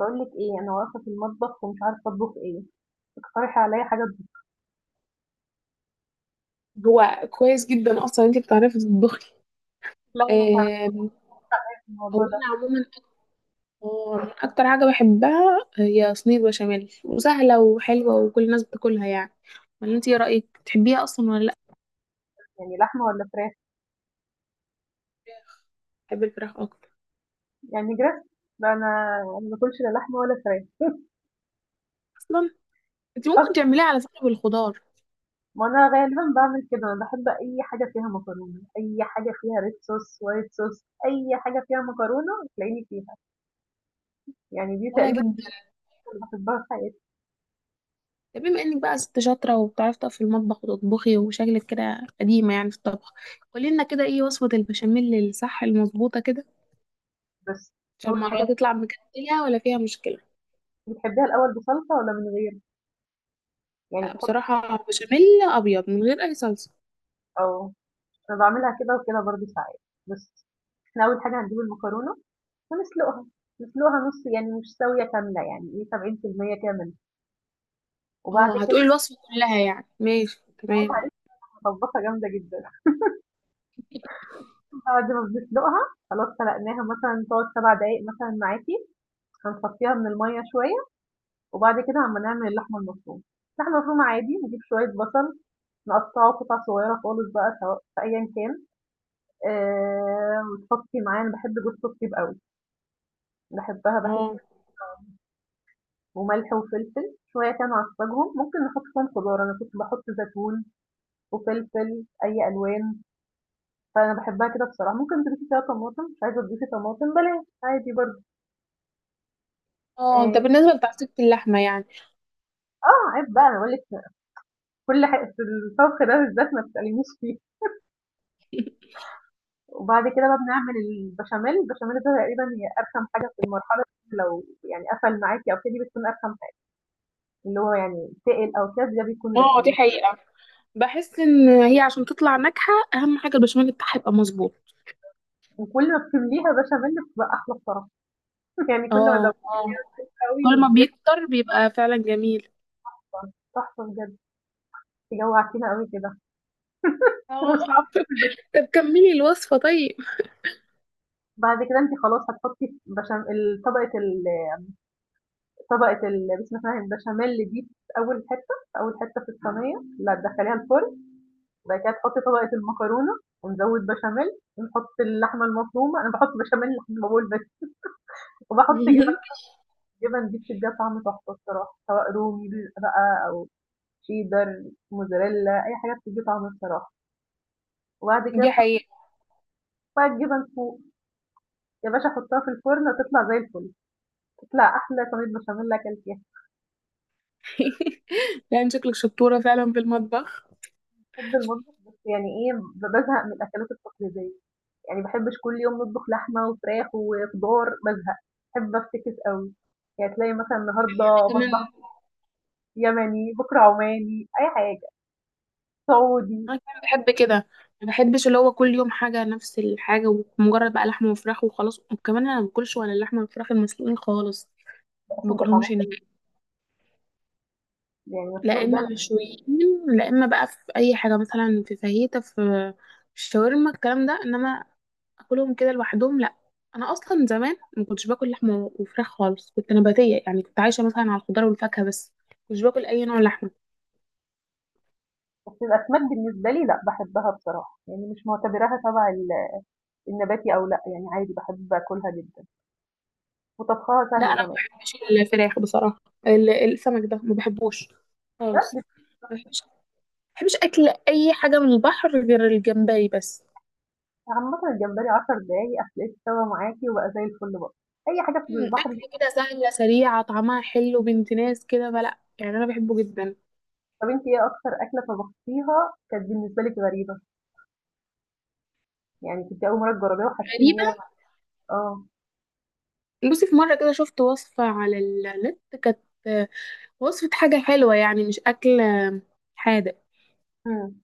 بقول لك ايه انا واقفه في المطبخ ومش عارفه اطبخ ايه. اقترحي عليا حاجه تطبخ. هو كويس جدا اصلا انت بتعرفي تطبخي. لا انا تعبانه آم، في هو الموضوع ده. انا عموما، اكتر حاجه بحبها هي صينيه بشاميل، وسهله وحلوه وكل الناس بتاكلها يعني. ولا انت ايه رايك، تحبيها اصلا ولا لا؟ يعني لحمه ولا فراخ؟ بحب الفراخ اكتر. يعني جريس. لا أنا ما باكلش لا لحمه ولا فراخ اصلا انت ممكن اصلا تعمليها على فكره بالخضار. ما انا غالبا بعمل كده، انا بحب اي حاجه فيها مكرونه، اي حاجه فيها ريد صوص وايت صوص، اي حاجه فيها مكرونه تلاقيني فيها. يعني دي وانا تقريبا جدا. اللي بحبها في حياتي. طب بما انك بقى ست شاطره وبتعرفي تقفي في المطبخ وتطبخي، وشكلك كده قديمه يعني في الطبخ، قولي لنا كده ايه وصفه البشاميل الصح المظبوطه كده، بس عشان اول حاجه، المره تطلع مكتله ولا فيها مشكله. بتحبيها الاول بصلصه ولا من غير؟ يعني لا، تحطي بصراحة بشاميل أبيض من غير أي صلصة. او انا بعملها كده وكده برضه ساعات. بس احنا اول حاجه هنجيب المكرونه فنسلُقها، نسلُقها نُص، يعني مش ساوية كاملة، يعني إيه 70% كامل، وبعد اه، كده هتقولي الوصفة كلها يعني، ماشي بقِت تمام. عليها مطبّقة جامدة جدًا، بعد ما بنسلُقها خلاص سلقناها مثلًا تقعد 7 دقايق مثلًا معاكِ، هنصفّيها من المَيّة شوية، وبعد كده أمّا نعمل اللحمة المفرومة، اللحمة المفرومة عادي نجيب شوية بصل نقطّعه قطع صغيّرة خالص بقى سواء في أيًا كان، وتحطّي معاه، أنا باحب جوزة الطيب أوي، باحبها باحس، اه، وملح وفلفل، شوية كده نعصّجهم، ممكن نحُط فيهم خضار، أنا كنت باحُط زيتون وفلفل، أي ألوان، فأنا باحبها كده بصراحة، ممكن تضيفي فيها طماطم، مش عايزة تضيفي طماطم بلاش عادي برضه، اه، آآ ده بالنسبة لتعصيبة اللحمة يعني. آه، عيب بقى أنا باقول لِك كل حاجة في الطبخ ده بالذات ما تسألينيش فيه، وبعد كده بقى بنعمل البشاميل، البشاميل ده تقريبًا هي أرخم حاجة في المرحلة دي، لو يعني قفل معاكِ أو كده دي بتكون أرخم حاجة، اللي هو يعني تقل أو كده ده بيكون اه، رخم دي بقى، حقيقة. بحس إن هي عشان تطلع ناجحة أهم حاجة البشاميل بتاعها يبقى مظبوط. وكل ما بتمليها بشاميل بتبقى أحلى بصراحة، يعني كل ما اه، زودتها اه، أوي كل ما وكبرت بيكتر بيبقى فعلا جميل. تحفة بجد، أنتِ جوعتينا أوي كده، اه، ومش هاعرف آكل. طب كملي الوصفة طيب. بعد كده انت خلاص هتحطي بشام، طبقة ال... طبقة ال... بسم الله الرحمن، البشاميل دي في اول حتة في الصينية لا تدخليها الفرن، بعد كده تحطي طبقة المكرونة ونزود بشاميل ونحط اللحمة المفرومة، انا بحط بشاميل لحد ما بقول بس، وبحط جبن. جبن دي بتديها طعم تحفة الصراحة، سواء رومي بقى او شيدر موزاريلا، اي حاجة بتدي طعم الصراحة. وبعد كده دي حقيقة. تحط بقى الجبن فوق يا باشا، حطها في الفرن هتطلع زي الفل، تطلع احلى صينية بشاميل اكلتيها. يعني شكلك شطورة فعلا في المطبخ. باحب المطبخ بس يعني إيه، بازهق من الأكلات التقليدية، يعني ما باحبش كل يوم نطبخ لحمة وفراخ وخضار، بازهق، باحب أفتكس أوي، يعني تلاقي مثلًا النهارده أنا كمان مطبخ يمني، بكرة عماني، أي حاجة، سعودي، انا كمان بحب كده. ما بحبش اللي هو كل يوم حاجه نفس الحاجه، ومجرد بقى لحمه وفراخ وخلاص. وكمان انا ما باكلش ولا اللحمه والفراخ المسلوقين خالص، باحس ما بيبقى باكلهمش طعمها هناك. يعني لا مسلوق ده اما لأ، مشويين، لا اما بقى في اي حاجه مثلا، في فاهيتا، في الشاورما الكلام ده، انما اكلهم كده لوحدهم لا. انا اصلا زمان ما كنتش باكل لحمه وفراخ خالص، كنت نباتيه يعني، كنت عايشه مثلا على الخضار والفاكهه بس، مش باكل اي نوع لحمه. بس الأسماك بالنسبة لي لأ، باحبها بصراحة، يعني مش معتبراها تبع ال النباتي أو لأ، يعني عادي باحب آكلها جدًا وطبخها لا سهل انا ما كمان، بحبش الفراخ بصراحه. السمك ده ما بحبوش خالص. بس ما بحبش اكل اي حاجه من البحر غير الجمبري بس. عامةً الجمبري 10 دقايق هتلاقيه استوى معاكِ وبقى زي الفل برضه، أي حاجة في البحر. اكل كده سهله سريعه، طعمها حلو بنت ناس كده، فلا يعني انا بحبه جدا. طب أنتِ إيه أكتر أكلة طبختيها كانت بالنسبة لِك غريبة؟ يعني كنتِ أول مرّة تجرّبيها وحسيتِ إن غريبه، هي. آه. بصي في مره كده شفت وصفه على النت كانت. آه، وصفه حاجه حلوه يعني، مش اكل. حادق. إمم.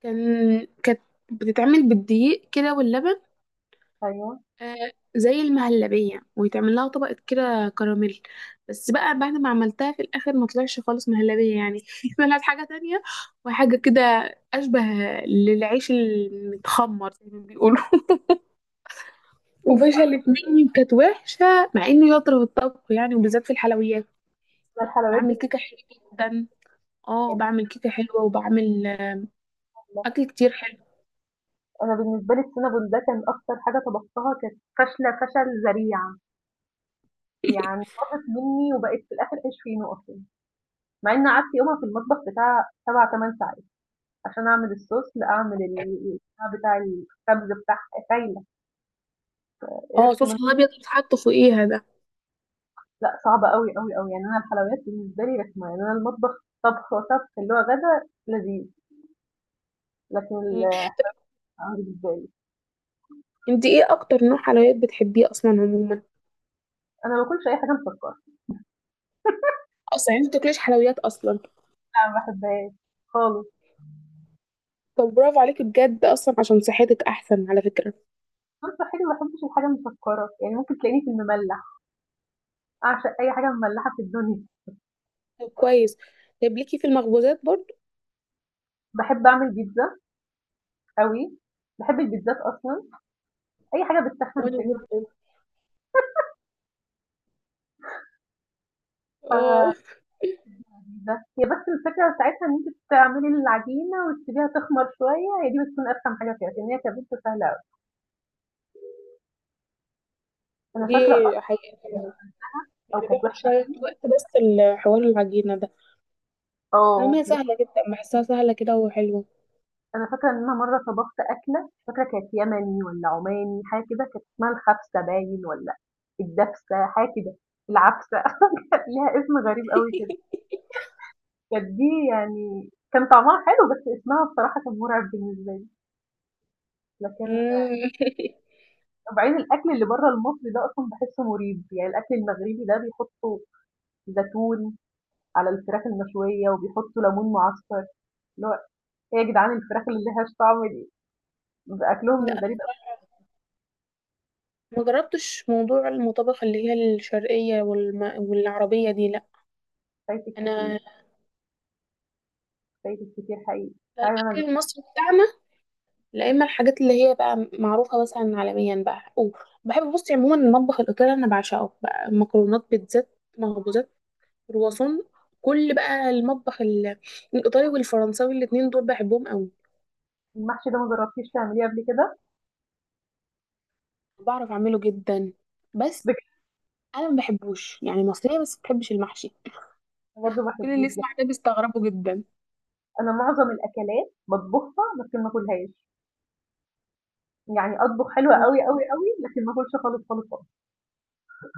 كان كانت بتتعمل بالدقيق كده واللبن. أيوه. زي المهلبية، ويتعمل لها طبقة كده كراميل. بس بقى بعد ما عملتها في الآخر ما طلعش خالص مهلبية يعني. طلعت حاجة تانية، وحاجة كده أشبه للعيش المتخمر زي ما بيقولوا. وفشلت مني، كانت وحشة، مع إني شاطرة في الطبخ يعني، وبالذات في الحلويات. أنا الحلويات بعمل بالنسبة كيكة حلوة جدا. اه لي بعمل كيكة حلوة، وبعمل سهلة، أكل كتير حلو. أنا بالنسبة لي الcinnamon ده كان أكتر حاجة طبختها كانت فاشلة فشل ذريع، يعني باظت منّي وبقت في الآخر عيش فينو أصلًا، مع إنّي قعدت يومها في المطبخ بتاع 7، 8 ساعات عشان أعمل الSauce لأعمل ال البتاع بتاع الخبز بتاعها، خايلة، اه، قرفت صوص منّه. الأبيض اللي بيتحط فوقيها ده. لأ، صعبة أوي، أوي، أوي، يعني أنا الحلويات بالنسبة لي رخمة، يعني أنا المطبخ طبخ وطبخ اللي هو غدا لذيذ، لكن ال مم. بالنسبة لي. انت ايه اكتر نوع حلويات بتحبيه اصلا عموما؟ أنا ما باكلش أي حاجة مسكّرة، اصلا انت بتاكليش حلويات اصلا؟ لا ما باحبهاش خالص، طب برافو عليكي بجد، اصلا عشان صحتك احسن على فكره. أنا صحّيا ما باحبش الحاجة المسكّرة، يعني ممكن تلاقيني في المملّح، أعشق أي حاجة مملّحة في الدنيا، طب كويس، طب ليكي في المخبوزات برضو. باحب أعمل بيتزا أوي، باحب البيتزات أصلًا، أي حاجة بتسخّن وانا تلاقيني جدا. باعملها اه، لذيذة، هي بس الفكرة بتاعتها إن أنتِ تعملي العجينة وتسيبيها تخمر شوية، هي دي بتكون أرخم حاجة فيها، لكن هي كبيتزا سهلة أوي، أنا دي فاكرة أصلًا حقيقه، أو يعني كانت بياخد وحشة، شويه وقت بس الحوار العجينه ده. آه، اما هي دي ح سهله جدا، بحسها سهله كده وحلوه. أنا فاكرة إن أنا مرّة طبخت أكلة مش فاكرة كانت يمني والّا عماني حاجة كده، كانت اسمها الخبسة باين والّا الدبسة حاجة كده، العبسة كان ليها اسم غريب أوي كده، كانت دي يعني كان طعمها حلو بس اسمها بصراحة كان مرعب بالنسبة لي، لكن مم. بعدين الأكل اللي برّه المصري ده أصلًا باحسه مريب، يعني الأكل المغربي ده بيحطوا زيتون على الفراخ المشوية وبيحطوا ليمون معصفر، اللي هو إيه يا جدعان الفراخ اللي ما لهاش طعم دي؟ بيبقى أكلهم لا، أنا غريب أوي. ما جربتش موضوع المطابخ اللي هي الشرقيه والعربيه دي لا. فايتِك كتير. انا فايتك كتير حقيقي. تعالي وأنا الاكل أجرّبه. المصري بتاعنا، لا اما الحاجات اللي هي بقى معروفه مثلا عالميا بقى. وبحب بصي عموما المطبخ الايطالي انا بعشقه بقى، مكرونات، بيتزات، مخبوزات، كرواسون، كل بقى المطبخ الايطالي والفرنساوي، الاتنين دول بحبهم قوي. المحشي ده ما جرّبتيش تعمليه قبل كده؟ بعرف اعمله جدا. بس بجد. انا ما بحبوش يعني، مصريه بس ما بحبش المحشي. أنا برضه ما كل اللي باحبوش ده. يسمع ده بيستغربوا جدا. أنا معظم الأكلات باطبخها لكن ما آكلهاش. يعني أطبخ حلو أوي، هو أوي، أوي، لكن ما آكلش خالص، خالص، خالص.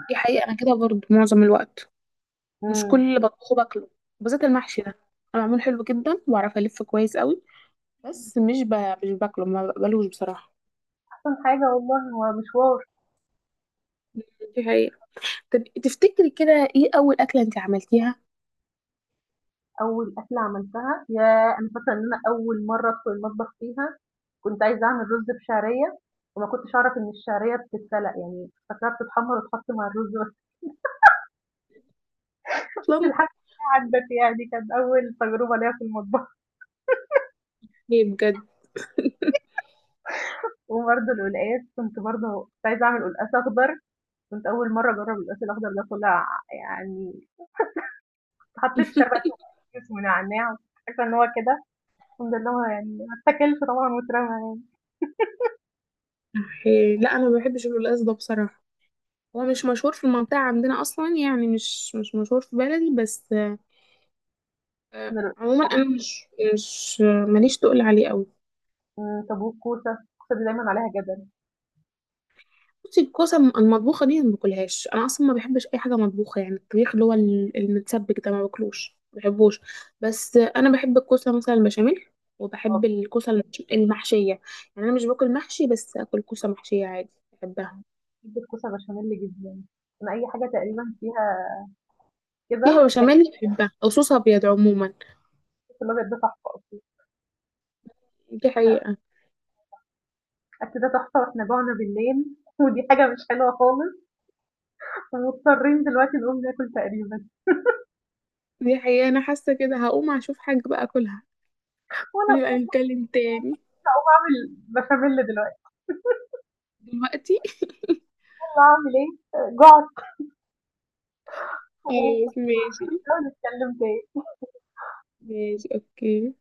دي حقيقه، انا كده برضه معظم الوقت مش كل إمم. اللي بطبخه باكله. بالذات المحشي ده، انا بعمله حلو جدا وبعرف الف كويس قوي، بس مش ب... مش باكله، ما بقبلوش بصراحه. أحسن حاجة والله هو مشوار. دي حقيقة. طب تفتكري كده ايه أول أكلة انت عملتيها؟ أول أكلة عملتها ياه! أنا فاكرة إن أنا أول مرّة أدخل المطبخ فيها كنت عايزة أعمل رُز بشعرية، وما كنتش أعرف إن الشعرية بتتسلق، يعني فاكراها بتتحمّر وتتحط مع الرز بس. أصلا؟ الحاجة عدّت، يعني كانت أول تجربة ليّا في المطبخ. ايه بجد. وبرضه القلقاس كنت، برضه كنت عايزة أعمل قلقاس أخضر، كنت أول مرة أجرب القلقاس الأخضر، ده طلع يعني حطيت شبش وكيس ونعناع، عارفة إن هو كده، الحمد لله هو يعني ما اتاكلش طبعا واترمى يعني إيه، لا أنا ما بحبش القلقاس ده بصراحة. هو مش مشهور في المنطقة عندنا أصلا يعني، مش مشهور في بلدي بس. من ال- عموما أنا مش مش آه، ماليش تقول عليه أوي. من طابوق. كوسة، الكوسة دي دايما عليها جدل. بصي الكوسة المطبوخة دي ما باكلهاش، انا اصلا ما بحبش اي حاجة مطبوخة، يعني الطبيخ اللي هو المتسبك ده ما باكلوش، ما بحبوش. بس انا بحب الكوسة مثلا البشاميل، أه، وبحب الكوسة المحشية. يعني انا مش باكل محشي، بس اكل كوسة محشية عادي بحبها. بحب الكوسة بشاميل جدا، أنا أي حاجة تقريبا فيها كده. فيها بشاميل بحبها، او صوص ابيض عموما. الكوسة الأبيض ده تحفة أصلا. دي إحنا حقيقة. الأكل ده تحفة وإحنا جوعنا بالليل، ودي حاجة مش حلوة خالص، ومضطرين دلوقتي نقوم ناكل تقريبا، دي حقيقة، انا حاسة كده هقوم اشوف حاجة بقى اكلها، وأنا أقوم ونبقى أطبخ نتكلم تاني. أو أعمل بشاميل دلوقتي. دلوقتي. عامل إيه؟ جُعت خلاص، خلاص ماشي. هنحاول نتكلم تاني. ماشي، اوكي.